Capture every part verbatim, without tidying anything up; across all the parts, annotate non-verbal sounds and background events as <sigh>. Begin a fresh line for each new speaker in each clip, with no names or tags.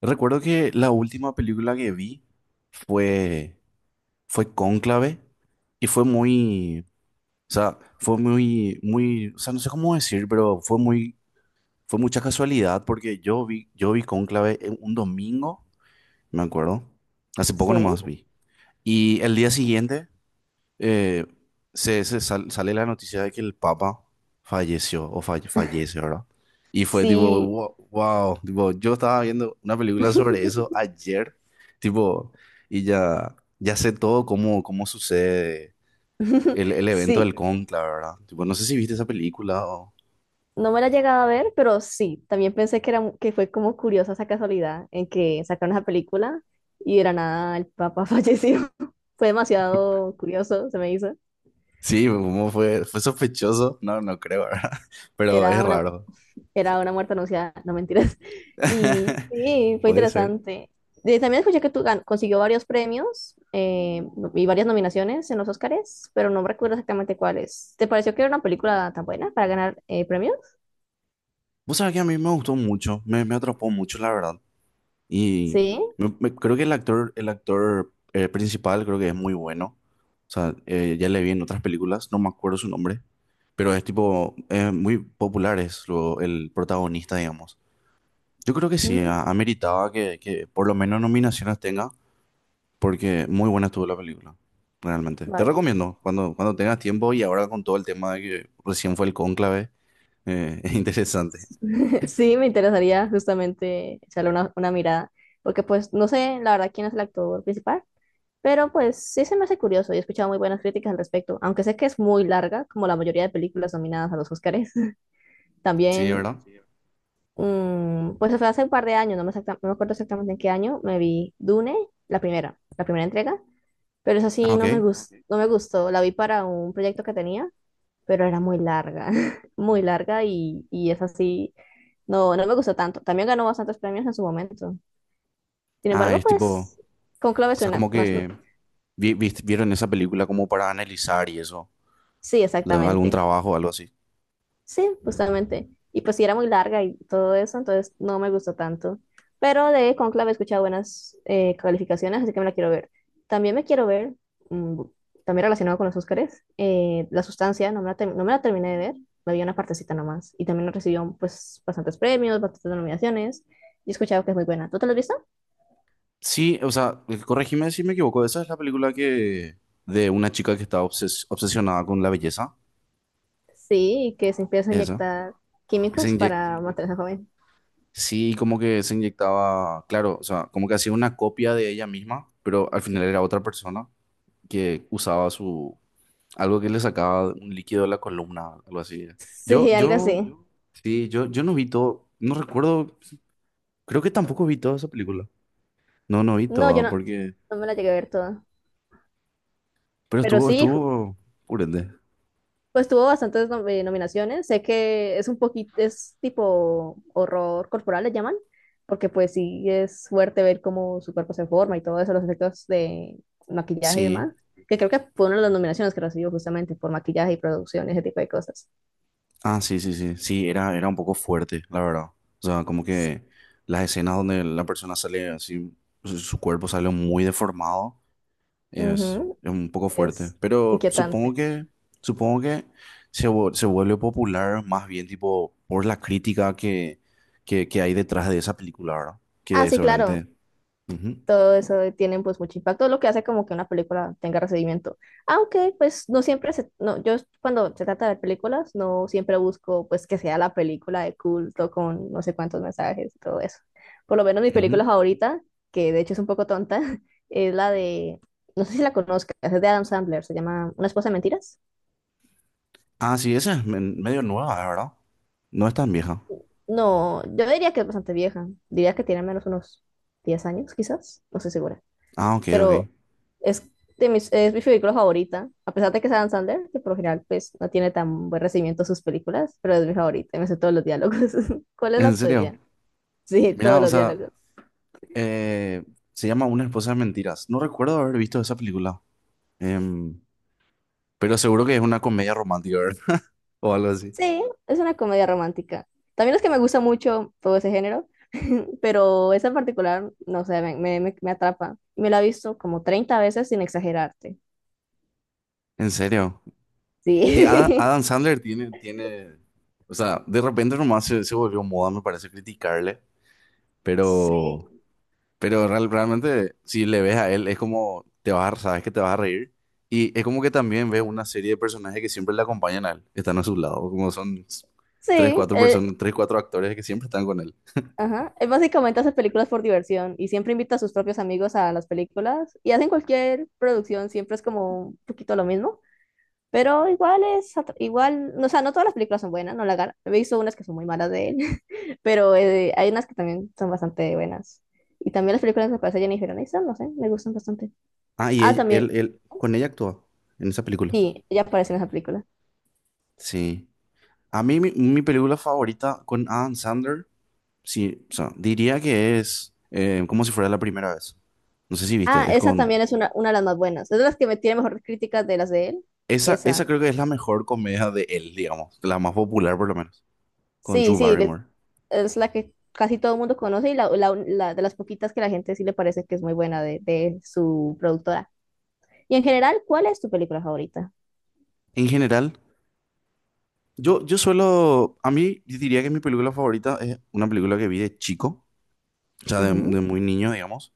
Recuerdo que la última película que vi fue, fue Cónclave y fue muy, o sea, fue muy, muy, o sea, no sé cómo decir, pero fue muy, fue mucha casualidad porque yo vi, yo vi Cónclave en un domingo, me acuerdo, hace poco
Sí,
nomás vi. Y el día siguiente eh, se, se sal- sale la noticia de que el Papa falleció o falle- fallece, ¿verdad? Y fue tipo,
sí,
wow, wow, tipo, yo estaba viendo una película sobre eso ayer, tipo, y ya, ya sé todo cómo, cómo sucede el, el evento del
sí.
conclave, ¿verdad? Tipo, no sé si viste esa película o...
No me la he llegado a ver, pero sí. También pensé que era mu- que fue como curiosa esa casualidad en que sacaron esa película y de la nada el papá <laughs> falleció. Fue
<laughs>
demasiado curioso, se me hizo.
Sí, como fue, fue sospechoso, no, no creo, ¿verdad? <laughs> Pero es
Era una,
raro. Sí.
era una muerte anunciada, no mentiras. <laughs> Y
<laughs>
sí, fue
Puede ser.
interesante. De- también escuché que tú gan- consiguió varios premios eh, no, y varias nominaciones en los Oscars, pero no recuerdo exactamente cuáles. ¿Te pareció que era una película tan buena para ganar eh, premios?
Vos sabés que a mí me gustó mucho, me, me atrapó mucho, la verdad. Y
Sí.
me- me- creo que el actor, el actor eh, principal creo que es muy bueno. O sea, eh, ya le vi en otras películas, no me acuerdo su nombre, pero es tipo, eh, muy popular es lo, el protagonista, digamos. Yo creo que sí,
Mm,
a- ameritaba que, que por lo menos nominaciones tenga, porque muy buena estuvo la película, realmente. Te
vaya.
recomiendo, cuando, cuando tengas tiempo y ahora con todo el tema de que recién fue el cónclave, eh, <laughs> es interesante.
Sí, me interesaría justamente echarle una, una mirada, porque pues no sé la verdad quién es el actor principal, pero pues sí se me hace curioso y he escuchado muy buenas críticas al respecto, aunque sé que es muy larga, como la mayoría de películas nominadas a los Oscars. <laughs>
Sí,
También,
¿verdad?
mm, pues fue hace un par de años, no me, exacta- no me acuerdo exactamente en qué año, me vi Dune, la primera, la primera entrega, pero esa
Ah,
sí
ok.
no me gustó, no me gustó, la vi para un proyecto que tenía pero era muy larga, <laughs> muy larga y, y es así, no, no me gustó tanto. También ganó bastantes premios en su momento. Sin
Ah,
embargo,
es tipo...
pues, Conclave
O sea,
suena
como
más,
que vi- vi- vieron esa película como para analizar y eso,
sí,
de algún
exactamente.
trabajo o algo así.
Sí, justamente. Y pues sí, era muy larga y todo eso, entonces no me gustó tanto. Pero de Conclave he escuchado buenas eh, calificaciones, así que me la quiero ver. También me quiero ver, mm, también relacionado con los Óscares, eh, La Sustancia, no me la, ter- no me la terminé de ver, me vi una partecita nomás. Y también recibió pues bastantes premios, bastantes nominaciones, y he escuchado que es muy buena. ¿Tú te la has visto?
Sí, o sea, eh, corregime si me equivoco, esa es la película que de una chica que está obses- obsesionada con la belleza,
Sí, que se empieza a
¿es esa,
inyectar
que se
químicos
inyec-
para mantenerse joven. <laughs>
sí, como que se inyectaba, claro, o sea, como que hacía una copia de ella misma, pero al final era otra persona que usaba su algo que le sacaba un líquido de la columna, algo así. Yo,
Sí, algo
yo,
así.
sí, yo, yo no vi todo, no recuerdo. Creo que tampoco vi toda esa película. No, no vi
No, yo
toda
no,
porque...
no me la llegué a ver toda.
Pero
Pero
estuvo,
sí,
estuvo... Purete.
pues tuvo bastantes nom- eh, nominaciones. Sé que es un poquito, es tipo horror corporal, le llaman, porque pues sí es fuerte ver cómo su cuerpo se forma y todo eso, los efectos de maquillaje y
Sí.
demás. Que creo que fue una de las nominaciones que recibió justamente por maquillaje y producción, ese tipo de cosas.
Ah, sí, sí, sí. Sí, era, era un poco fuerte, la verdad. O sea, como
Sí,
que las escenas donde la persona sale así, su su cuerpo sale muy deformado, es,
ujú,
es un poco fuerte.
es claro,
Pero supongo
inquietante.
que, supongo que se, vu- se vuelve popular más bien tipo por la crítica que, que, que hay detrás de esa película, ¿verdad?
Ah,
Que
sí, claro,
seguramente... Ujú,
todo eso tienen pues mucho impacto, lo que hace como que una película tenga recibimiento. Aunque pues no siempre se, no, yo cuando se trata de películas no siempre busco pues que sea la película de culto con no sé cuántos mensajes y todo eso. Por lo menos mi
ujú.
película favorita, que de hecho es un poco tonta, <laughs> es la de, no sé si la conozcas, es de Adam Sandler, se llama Una esposa de mentiras.
Ah, sí, esa es men- medio nueva, es verdad. No es tan vieja.
No, yo diría que es bastante vieja, diría que tiene al menos unos diez años quizás, no sé segura.
Ah, ok, ok.
Pero es de mis, es mi película favorita, a pesar de que es Adam Sandler, que por lo general pues no tiene tan buen recibimiento sus películas, pero es mi favorita, y me sé todos los diálogos. <laughs> ¿Cuál es la
En serio.
tuya? Sí,
Mira,
todos
o
los
sea,
diálogos.
eh, se llama Una esposa de mentiras. No recuerdo haber visto esa película. Em, pero seguro que es una comedia romántica, ¿verdad? <laughs> O algo así.
Sí, es una comedia romántica. También es que me gusta mucho todo ese género, <laughs> pero esa en particular, no sé, me, me, me- me atrapa. Me la he visto como treinta veces sin exagerarte.
En serio. Y Adam,
Sí. <laughs>
Adam Sandler tiene, tiene. O sea, de repente nomás se, se volvió moda, me parece, criticarle. Pero.
Sí.
Pero real- realmente, si le ves a él, es como te vas a, sabes que te vas a reír. Y es como que también ves una serie de personajes que siempre le acompañan a él, están a su lado, como son s- tres,
Sí,
cuatro
eh,
personas, tres, cuatro actores que siempre están con él.
ajá, él básicamente hace películas por diversión y siempre invita a sus propios amigos a las películas y hacen cualquier producción, siempre es como un poquito lo mismo, pero igual es, atra- igual, no, o sea, no todas las películas son buenas, no la gana, he visto unas que son muy malas de él, <laughs> pero eh, hay unas que también son bastante buenas. Y también las películas que aparece Jennifer Aniston, no sé, me gustan bastante.
Ah, y
Ah,
él,
también,
él, él- con ella actúa en esa película.
sí, ella aparece en esa película.
Sí. A mí mi, mi película favorita con Adam Sandler, sí, o sea, diría que es eh, como si fuera la primera vez. No sé si
Ah,
viste, es
esa
con...
también es una, una de las más buenas, es de las que me tiene mejores críticas de las de él,
Esa, esa
esa.
creo que es la mejor comedia de él, digamos, la más popular por lo menos. Con
Sí,
Drew
sí, le-
Barrymore.
es la que casi todo el mundo conoce y la, la- la de las poquitas que la gente sí le parece que es muy buena de, de su productora. Y en general, ¿cuál es tu película favorita?
En general, yo, yo suelo, a mí yo diría que mi película favorita es una película que vi de chico, o sea, de, de
Ujú.
muy niño, digamos,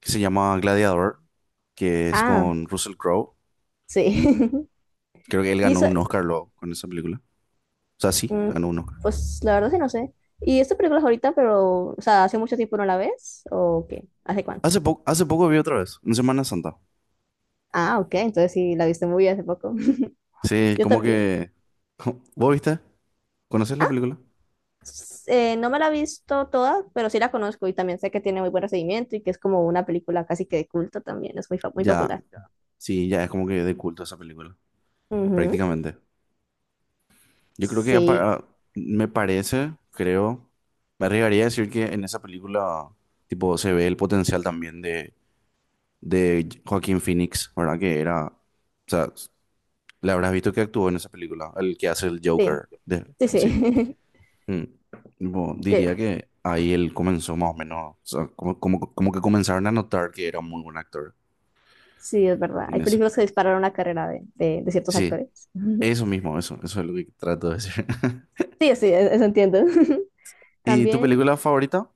que se llama Gladiador, que es
Ah,
con Russell Crowe.
sí. <laughs>
Creo que él
Y
ganó
eso,
un Oscar luego con esa película. O sea, sí,
mm,
ganó un Oscar.
pues la verdad sí no sé. ¿Y esta película favorita, pero, o sea, hace mucho tiempo no la ves? ¿O qué? ¿Hace cuánto?
Hace poco, hace poco vi otra vez, en Semana Santa.
Ah, ok, entonces sí, la viste muy hace poco. <laughs>
Sí,
Yo
como
también.
que... <laughs> ¿Vos viste? ¿Conoces la película?
S- eh, no me la he visto toda, pero sí la conozco y también sé que tiene muy buen recibimiento y que es como una película casi que de culto también, es muy, fa- muy
Ya,
popular.
sí, ya es como que de culto esa película, prácticamente. Yo creo que ya
Sí,
para, me parece, creo, me arriesgaría a decir que en esa película, tipo, se ve el potencial también de, de Joaquín Phoenix, ¿verdad? Que era, o sea, le habrás visto que actuó en esa película, el que hace el
sí,
Joker, de,
sí,
sí.
sí.
Mm. Tipo,
<laughs>
diría
Que
que ahí él comenzó más o menos, o sea, como, como, como que comenzaron a notar que era un muy buen actor
sí, es verdad.
en
Hay
eso.
películas que dispararon la carrera de, de, de ciertos
Sí,
actores.
eso
<laughs>
mismo, eso, eso es lo que trato de decir. <laughs>
Sí, sí, e- eso entiendo. <laughs>
¿Y tu
También,
película favorita?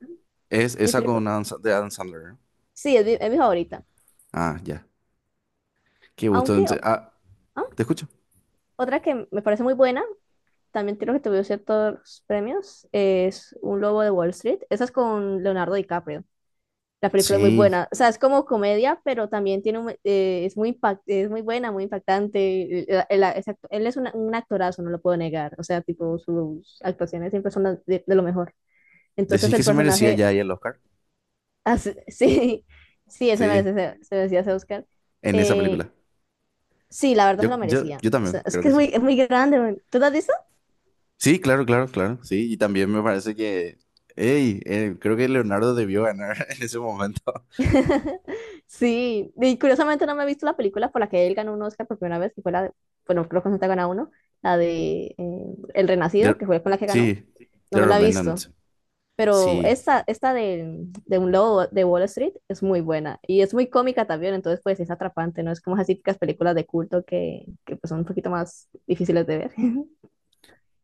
Es
mi
esa
película,
con Adam, Sa- de Adam Sandler. ¿Eh?
sí, es mi, es mi favorita.
Ah, ya. Qué gusto.
Aunque,
Entonces,
o-
ah,
ah,
¿te escucho?
otra que me parece muy buena, también creo que tuvo ciertos premios, es Un Lobo de Wall Street. Esa es con Leonardo DiCaprio. La película es muy
Sí.
buena, o sea, es como comedia, pero también tiene un- eh, es muy impact- es muy buena, muy impactante. El- el- el act- él es una- un actorazo, no lo puedo negar, o sea, tipo sus actuaciones siempre son las de, de lo mejor. Entonces
¿Decís
el
que
sí,
se merecía
personaje,
ya ahí
merece.
el Oscar?
hace- <laughs> sí, sí, él se merece,
Sí,
ese- se, merecía ese Oscar.
en esa
Eh,
película.
sí, la verdad
Yo,
se lo
yo,
merecía.
yo
O
también,
sea, es
creo
que
que
es
sí.
muy, es muy grande, man. ¿Tú te has
Sí, claro, claro, claro. Sí, y también me parece que... Ey, eh, creo que Leonardo debió ganar <laughs> en ese momento.
<laughs> sí, y curiosamente no me he visto la película por la que él ganó un Oscar por primera vez, que fue la de, bueno, creo que no te ha ganado uno, la de eh, El Renacido,
De-
que fue con la que
sí,
ganó, no
The
me la he
Revenant.
visto,
Sí.
pero esta, esta de, de un lobo de Wall Street es muy buena y es muy cómica también, entonces pues es atrapante, ¿no? Es como esas típicas películas de culto que, que pues son un poquito más difíciles de ver. <laughs>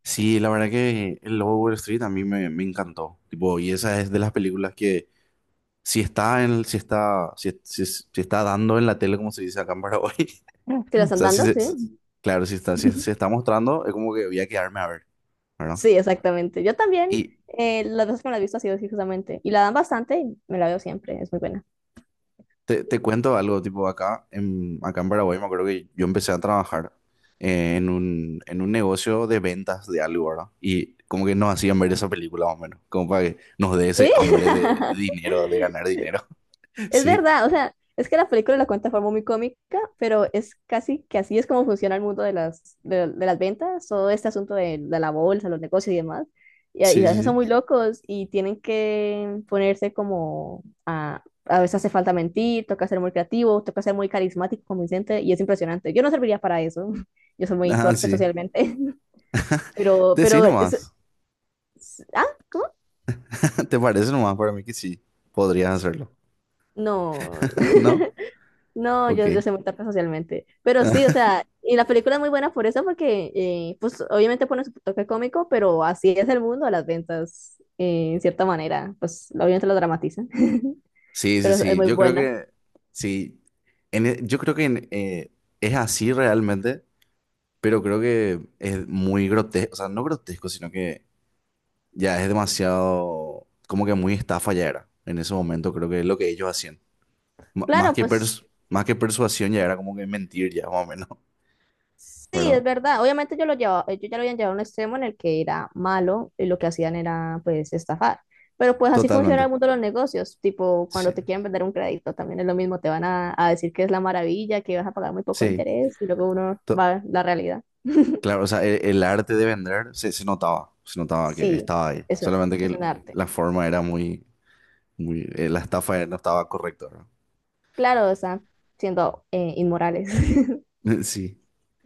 Sí, la verdad que el Lobo de Wall Street a mí me, me encantó. Tipo, y esa es de las películas que si está en, si está, si, si, si está dando en la tele, como se dice acá en Paraguay.
¿Te las
O
están
sea, sí
dando?
se,
Sí,
claro, sí está, sí se está mostrando, es como que voy a quedarme a ver, ¿verdad?
sí, exactamente. Yo también,
Y
eh, las veces que me la he visto ha sido así justamente, y la dan bastante y me la veo siempre, es muy buena.
te, te cuento algo, tipo, acá en, acá en Paraguay me acuerdo que yo empecé a trabajar eh, en un, en un negocio de ventas de algo, ¿verdad? Y como que nos hacían ver esa película más o menos, como para que nos dé ese
Sí,
hambre de, de dinero, de ganar
<laughs>
dinero. <laughs>
es
Sí,
verdad, o sea, es que la película la cuenta de forma muy cómica, pero es casi que así es como funciona el mundo de las, de, de las ventas, todo este asunto de, de la bolsa, los negocios y demás. Y, a y
sí,
a
sí,
veces son
sí.
muy locos y tienen que ponerse como a, a veces hace falta mentir, toca ser muy creativo, toca ser muy carismático, convincente y es impresionante. Yo no serviría para eso, <laughs> yo soy muy
Ah,
torpe
sí.
socialmente, <laughs> pero,
Decí
pero, es-
nomás.
es- ah, ¿cómo?
<laughs> ¿Te parece nomás para mí que sí? Podrías hacerlo,
No,
<laughs> ¿no?
no,
Ok.
yo, yo soy muy tarta socialmente. Pero sí, o
<laughs>
sea, y la película es muy buena por eso, porque eh, pues obviamente pone su toque cómico, pero así es el mundo de las ventas, eh, en cierta manera. Pues obviamente lo dramatizan, <laughs>
Sí, sí,
pero es
sí.
muy
Yo creo
buena.
que sí. En e- yo creo que en, eh, es así realmente, pero creo que es muy grotesco. O sea, no grotesco, sino que ya es demasiado, como que muy estafa ya era. En ese momento creo que es lo que ellos hacían. M- más
Claro,
que
pues
pers- más que persuasión ya era como que mentir ya, <laughs> más o menos, <laughs>
sí, es
¿verdad?
verdad. Obviamente yo lo llevaba, ellos ya lo habían llevado a un extremo en el que era malo y lo que hacían era pues estafar. Pero pues así funciona
Totalmente.
el mundo de los negocios. Tipo,
Sí.
cuando te quieren vender un crédito también es lo mismo. Te van a, a decir que es la maravilla, que vas a pagar muy poco
Sí.
interés y luego uno
To-
va a la realidad. <laughs>
claro, o sea, e- el arte de vender se, se notaba. Se notaba que
Sí,
estaba ahí.
eso
Solamente que
es un
el-
arte.
la forma era muy muy, eh, la estafa no estaba correcta,
Claro, están siendo eh, inmorales. <laughs>
¿no? <laughs> Sí.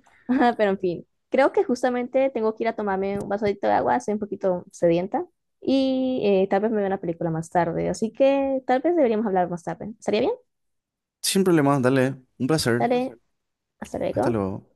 <laughs> Ajá, pero en fin, creo que justamente tengo que ir a tomarme un vasodito de agua, estoy un poquito sedienta y eh, tal vez me vea una película más tarde, así que tal vez deberíamos hablar más tarde. ¿Estaría bien?
Sin problemas, dale. Un placer.
Dale, perfecto, hasta
Hasta
luego.
luego.